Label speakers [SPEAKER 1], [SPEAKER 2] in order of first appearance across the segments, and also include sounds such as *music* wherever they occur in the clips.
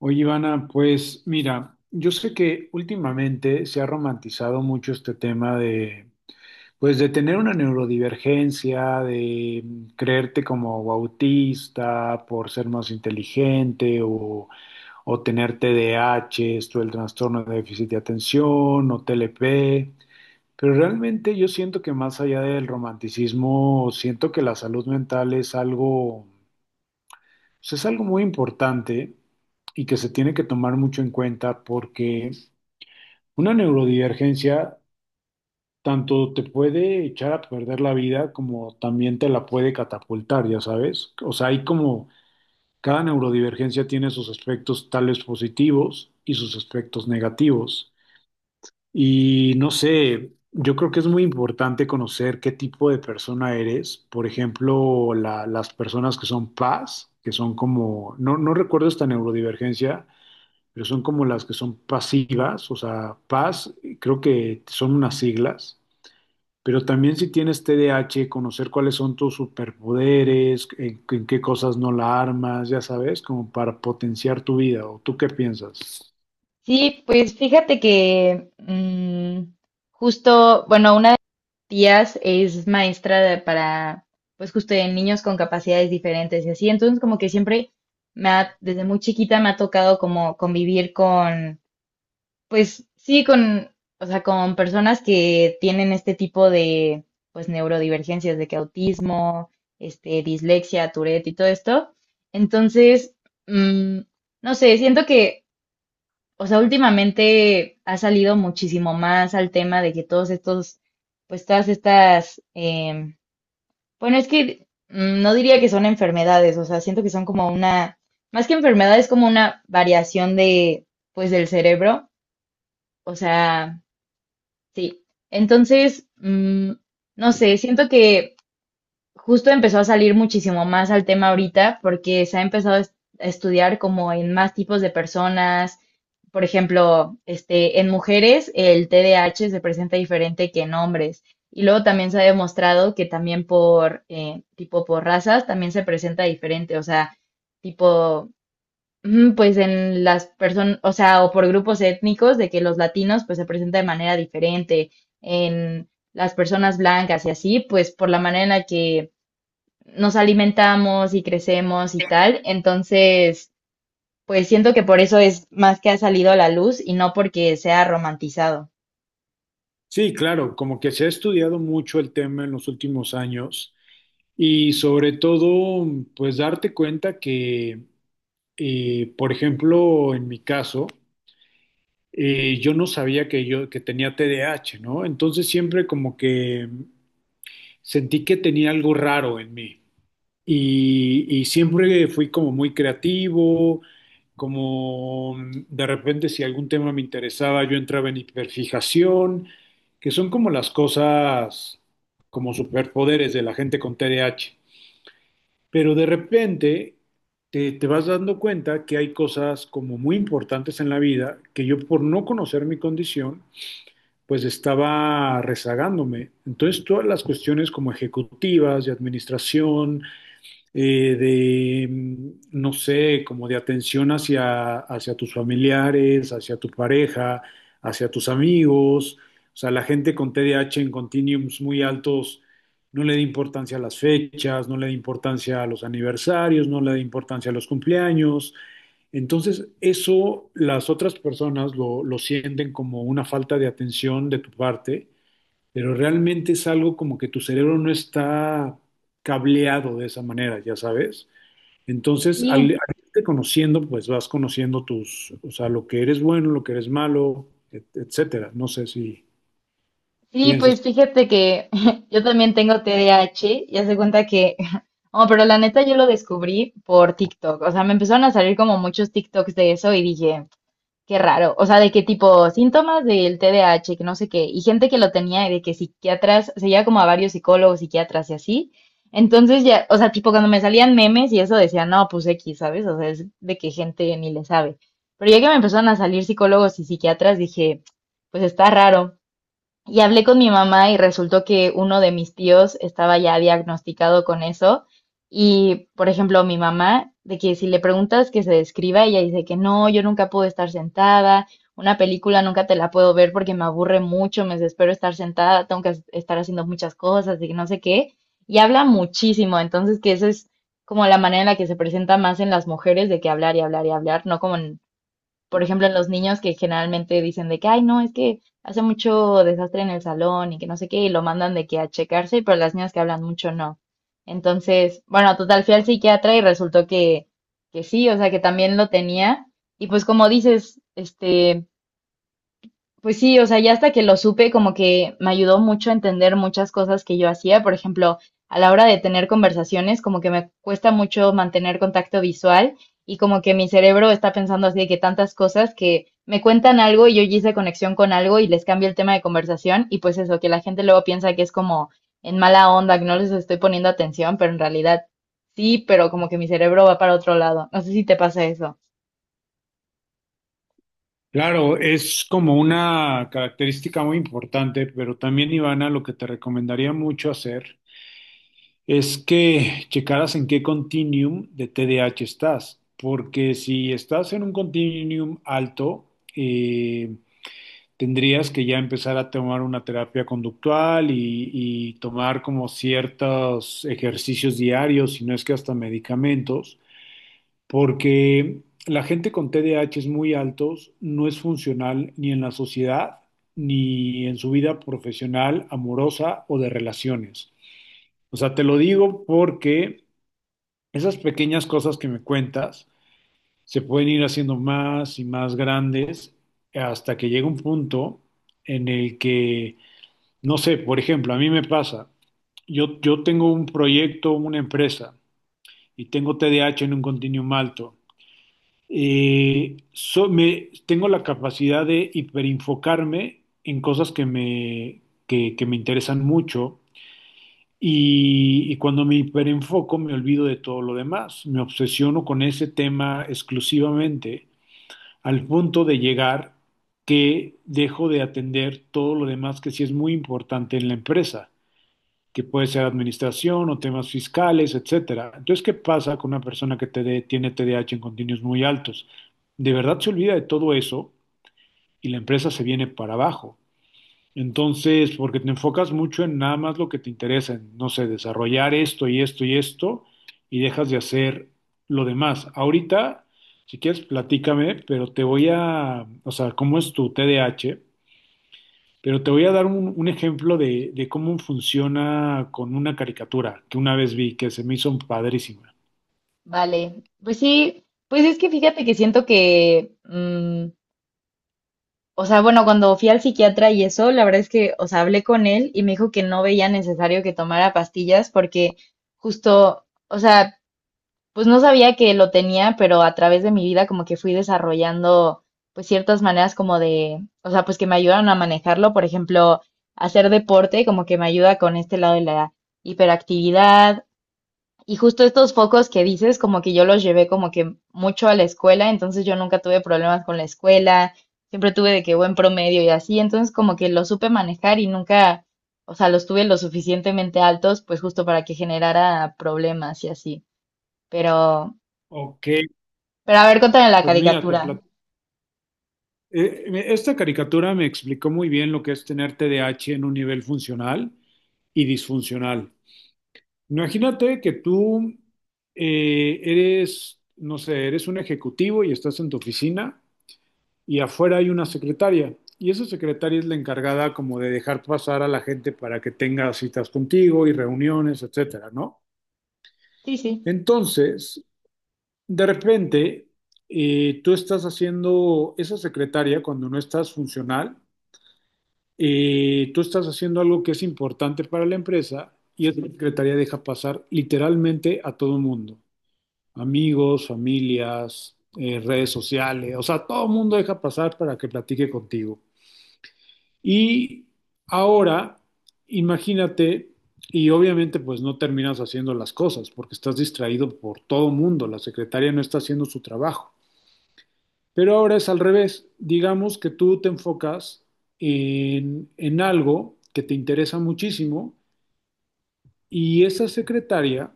[SPEAKER 1] Oye, Ivana, pues mira, yo sé que últimamente se ha romantizado mucho este tema pues de tener una neurodivergencia, creerte como autista por ser más inteligente o tener T D A H, esto el trastorno de déficit de atención o T L P. Pero realmente yo siento que más allá del romanticismo, siento que la salud mental es algo pues es algo muy importante y que se tiene que tomar mucho en cuenta porque una neurodivergencia tanto te puede echar a perder la vida como también te la puede catapultar, ya sabes. O sea, hay como cada neurodivergencia tiene sus aspectos tales positivos y sus aspectos negativos. Y no sé, yo creo que es muy importante conocer qué tipo de persona eres. Por ejemplo, las personas que son PAS, que son como, no recuerdo esta neurodivergencia, pero son como las que son pasivas, o sea, PAS, creo que son unas siglas. Pero también si tienes T D A H, conocer cuáles son tus superpoderes, en qué cosas no la armas, ya sabes, como para potenciar tu vida. ¿O tú qué piensas?
[SPEAKER 2] Sí, pues fíjate que justo, bueno, una de mis tías es maestra para, pues justo de niños con capacidades diferentes y así, entonces como que siempre me ha, desde muy chiquita me ha tocado como convivir con, pues sí, con, o sea, con personas que tienen este tipo de, pues neurodivergencias, de que autismo, este, dislexia, Tourette y todo esto. Entonces, mm, no sé, siento que o sea, últimamente ha salido muchísimo más al tema de que todos estos, pues todas estas, bueno, es que no diría que son enfermedades, o sea, siento que son como una, más que enfermedades, como una variación de, pues del cerebro, o sea, sí. Entonces, no sé, siento que justo empezó a salir muchísimo más al tema ahorita porque se ha empezado a a estudiar como en más tipos de personas. Por ejemplo, este, en mujeres el TDAH se presenta diferente que en hombres. Y luego también se ha demostrado que también por tipo por razas también se presenta diferente. O sea, tipo, pues en las personas, o sea, o por grupos étnicos de que los latinos pues se presenta de manera diferente. En las personas blancas y así, pues por la manera en la que nos alimentamos y crecemos y tal. Entonces, pues siento que por eso es más que ha salido a la luz y no porque sea romantizado.
[SPEAKER 1] Sí, claro, como que se ha estudiado mucho el tema en los últimos años y sobre todo, pues darte cuenta que, por ejemplo, en mi caso, y yo no sabía que yo que tenía T D A H, ¿no? Entonces siempre como que sentí que tenía algo raro en mí y siempre fui como muy creativo, de repente si algún tema me interesaba yo entraba en hiperfijación, que son como las cosas como superpoderes de la gente con T D A H. Pero de repente te vas dando cuenta que hay cosas como muy importantes en la vida que yo por no conocer mi condición pues estaba rezagándome. Entonces, todas las cuestiones como ejecutivas, de administración, eh, de, mm, no sé, como de atención hacia tus familiares, hacia tu pareja, hacia tus amigos, o sea, la gente con T D A H en continuums muy altos no le da importancia a las fechas, no le da importancia a los aniversarios, no le da importancia a los cumpleaños. Entonces, eso las otras personas lo sienten como una falta de atención de tu parte, pero realmente es algo como que tu cerebro no está cableado de esa manera, ya sabes. Entonces, al
[SPEAKER 2] Sí,
[SPEAKER 1] irte conociendo, pues vas conociendo tus, o sea, lo que eres bueno, lo que eres malo, etcétera. No sé si
[SPEAKER 2] sí,
[SPEAKER 1] piensas.
[SPEAKER 2] pues fíjate que *laughs* yo también tengo T D A H y hace cuenta que, *laughs* oh, pero la neta yo lo descubrí por TikTok. O sea, me empezaron a salir como muchos TikToks de eso y dije, qué raro, o sea, de qué tipo síntomas del T D A H que no sé qué, y gente que lo tenía, y de que psiquiatras, seguía como a varios psicólogos, psiquiatras y así. Entonces ya, o sea, tipo cuando me salían memes y eso decía, no, pues X, ¿sabes? O sea, es de que gente ni le sabe. Pero ya que me empezaron a salir psicólogos y psiquiatras, dije, pues está raro. Y hablé con mi mamá y resultó que uno de mis tíos estaba ya diagnosticado con eso. Y, por ejemplo, mi mamá, de que si le preguntas que se describa, ella dice que no, yo nunca puedo estar sentada, una película nunca te la puedo ver porque me aburre mucho, me desespero estar sentada, tengo que estar haciendo muchas cosas y no sé qué. Y habla muchísimo, entonces que esa es como la manera en la que se presenta más en las mujeres de que hablar y hablar y hablar, no como en por ejemplo, en los niños que generalmente dicen de que, ay, no, es que hace mucho desastre en el salón y que no sé qué, y lo mandan de que a checarse, pero las niñas que hablan mucho no. Entonces, bueno, total, fui al psiquiatra y resultó que sí, o sea, que también lo tenía. Y pues como dices, este, pues sí, o sea, ya hasta que lo supe, como que me ayudó mucho a entender muchas cosas que yo hacía. Por ejemplo, a la hora de tener conversaciones, como que me cuesta mucho mantener contacto visual y como que mi cerebro está pensando así de que tantas cosas que me cuentan algo y yo ya hice conexión con algo y les cambio el tema de conversación y pues eso, que la gente luego piensa que es como en mala onda, que no les estoy poniendo atención, pero en realidad sí, pero como que mi cerebro va para otro lado. No sé si te pasa eso.
[SPEAKER 1] Claro, es como una característica muy importante, pero también, Ivana, lo que te recomendaría mucho hacer es que checaras en qué continuum de TDAH estás, porque si estás en un continuum alto, eh, tendrías que ya empezar a tomar una terapia conductual y tomar como ciertos ejercicios diarios, si no es que hasta medicamentos, porque la gente con TDAH es muy altos no es funcional ni en la sociedad, ni en su vida profesional, amorosa o de relaciones. O sea, te lo digo porque esas pequeñas cosas que me cuentas se pueden ir haciendo más y más grandes hasta que llega un punto en el que, no sé, por ejemplo, a mí me pasa, yo tengo un proyecto, una empresa, y tengo TDAH en un continuum alto. Tengo la capacidad de hiperinfocarme en cosas que me interesan mucho y cuando me hiperenfoco, me olvido de todo lo demás. Me obsesiono con ese tema exclusivamente al punto de llegar que dejo de atender todo lo demás que sí es muy importante en la empresa, que puede ser administración o temas fiscales, etcétera. Entonces, ¿qué pasa con una persona que TD tiene TDAH en continuos muy altos? De verdad se olvida de todo eso y la empresa se viene para abajo. Entonces, porque te enfocas mucho en nada más lo que te interesa, en, no sé, desarrollar esto y esto y esto, y dejas de hacer lo demás. Ahorita, si quieres, platícame, pero te voy a, o sea, cómo es tu TDAH, pero te voy a dar un ejemplo de cómo funciona con una caricatura que una vez vi, que se me hizo padrísima.
[SPEAKER 2] Vale, pues sí, pues es que fíjate que siento que, o sea, bueno, cuando fui al psiquiatra y eso, la verdad es que, o sea, hablé con él y me dijo que no veía necesario que tomara pastillas porque justo, o sea, pues no sabía que lo tenía, pero a través de mi vida como que fui desarrollando pues ciertas maneras como de, o sea, pues que me ayudaron a manejarlo, por ejemplo, hacer deporte como que me ayuda con este lado de la hiperactividad, y justo estos focos que dices, como que yo los llevé como que mucho a la escuela, entonces yo nunca tuve problemas con la escuela, siempre tuve de que buen promedio y así, entonces como que lo supe manejar y nunca, o sea, los tuve lo suficientemente altos, pues justo para que generara problemas y así. Pero,
[SPEAKER 1] Ok,
[SPEAKER 2] pero a ver, cuéntame la
[SPEAKER 1] pues mira,
[SPEAKER 2] caricatura.
[SPEAKER 1] esta caricatura me explicó muy bien lo que es tener TDAH en un nivel funcional y disfuncional. Imagínate que tú eres, no sé, eres un ejecutivo y estás en tu oficina y afuera hay una secretaria y esa secretaria es la encargada como de dejar pasar a la gente para que tenga citas contigo y reuniones, etcétera, ¿no?
[SPEAKER 2] Sí, sí.
[SPEAKER 1] Entonces, de repente, tú estás haciendo, esa secretaria cuando no estás funcional, tú estás haciendo algo que es importante para la empresa y esa secretaria deja pasar literalmente a todo mundo. Amigos, familias, redes sociales, o sea, todo el mundo deja pasar para que platique contigo. Y ahora, imagínate, y obviamente pues no terminas haciendo las cosas porque estás distraído por todo el mundo, la secretaria no está haciendo su trabajo. Pero ahora es al revés, digamos que tú te enfocas en algo que te interesa muchísimo y esa secretaria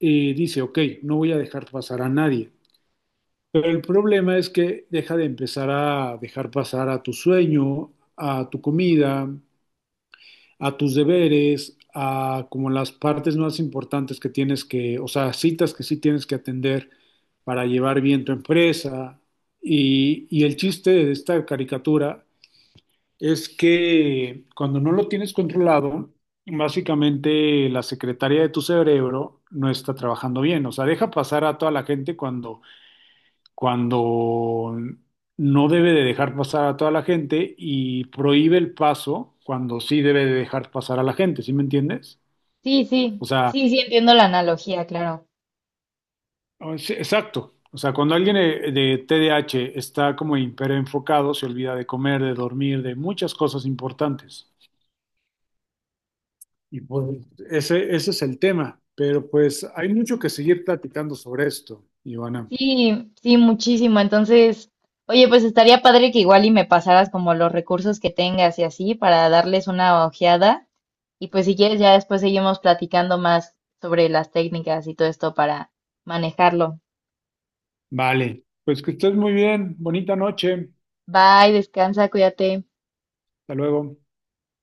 [SPEAKER 1] dice, ok, no voy a dejar pasar a nadie. Pero el problema es que deja de empezar a dejar pasar a tu sueño, a tu comida, a tus deberes, a como las partes más importantes que tienes que, o sea, citas que sí tienes que atender para llevar bien tu empresa. Y el chiste de esta caricatura es que cuando no lo tienes controlado, básicamente la secretaria de tu cerebro no está trabajando bien. O sea, deja pasar a toda la gente cuando no debe de dejar pasar a toda la gente y prohíbe el paso cuando sí debe de dejar pasar a la gente. ¿Sí me entiendes?
[SPEAKER 2] Sí,
[SPEAKER 1] O
[SPEAKER 2] sí.
[SPEAKER 1] sea,
[SPEAKER 2] Sí, sí, entiendo la analogía, claro.
[SPEAKER 1] sí, exacto. O sea, cuando alguien de TDAH está como hiperenfocado, se olvida de comer, de dormir, de muchas cosas importantes. Y pues ese es el tema. Pero pues hay mucho que seguir platicando sobre esto, Ivana.
[SPEAKER 2] Sí, sí, muchísimo. Entonces, oye, pues estaría padre que igual y me pasaras como los recursos que tengas y así para darles una ojeada. Y pues si quieres, ya después seguimos platicando más sobre las técnicas y todo esto para manejarlo.
[SPEAKER 1] Vale. Pues que estés muy bien. Bonita noche.
[SPEAKER 2] Bye, descansa, cuídate.
[SPEAKER 1] Hasta luego.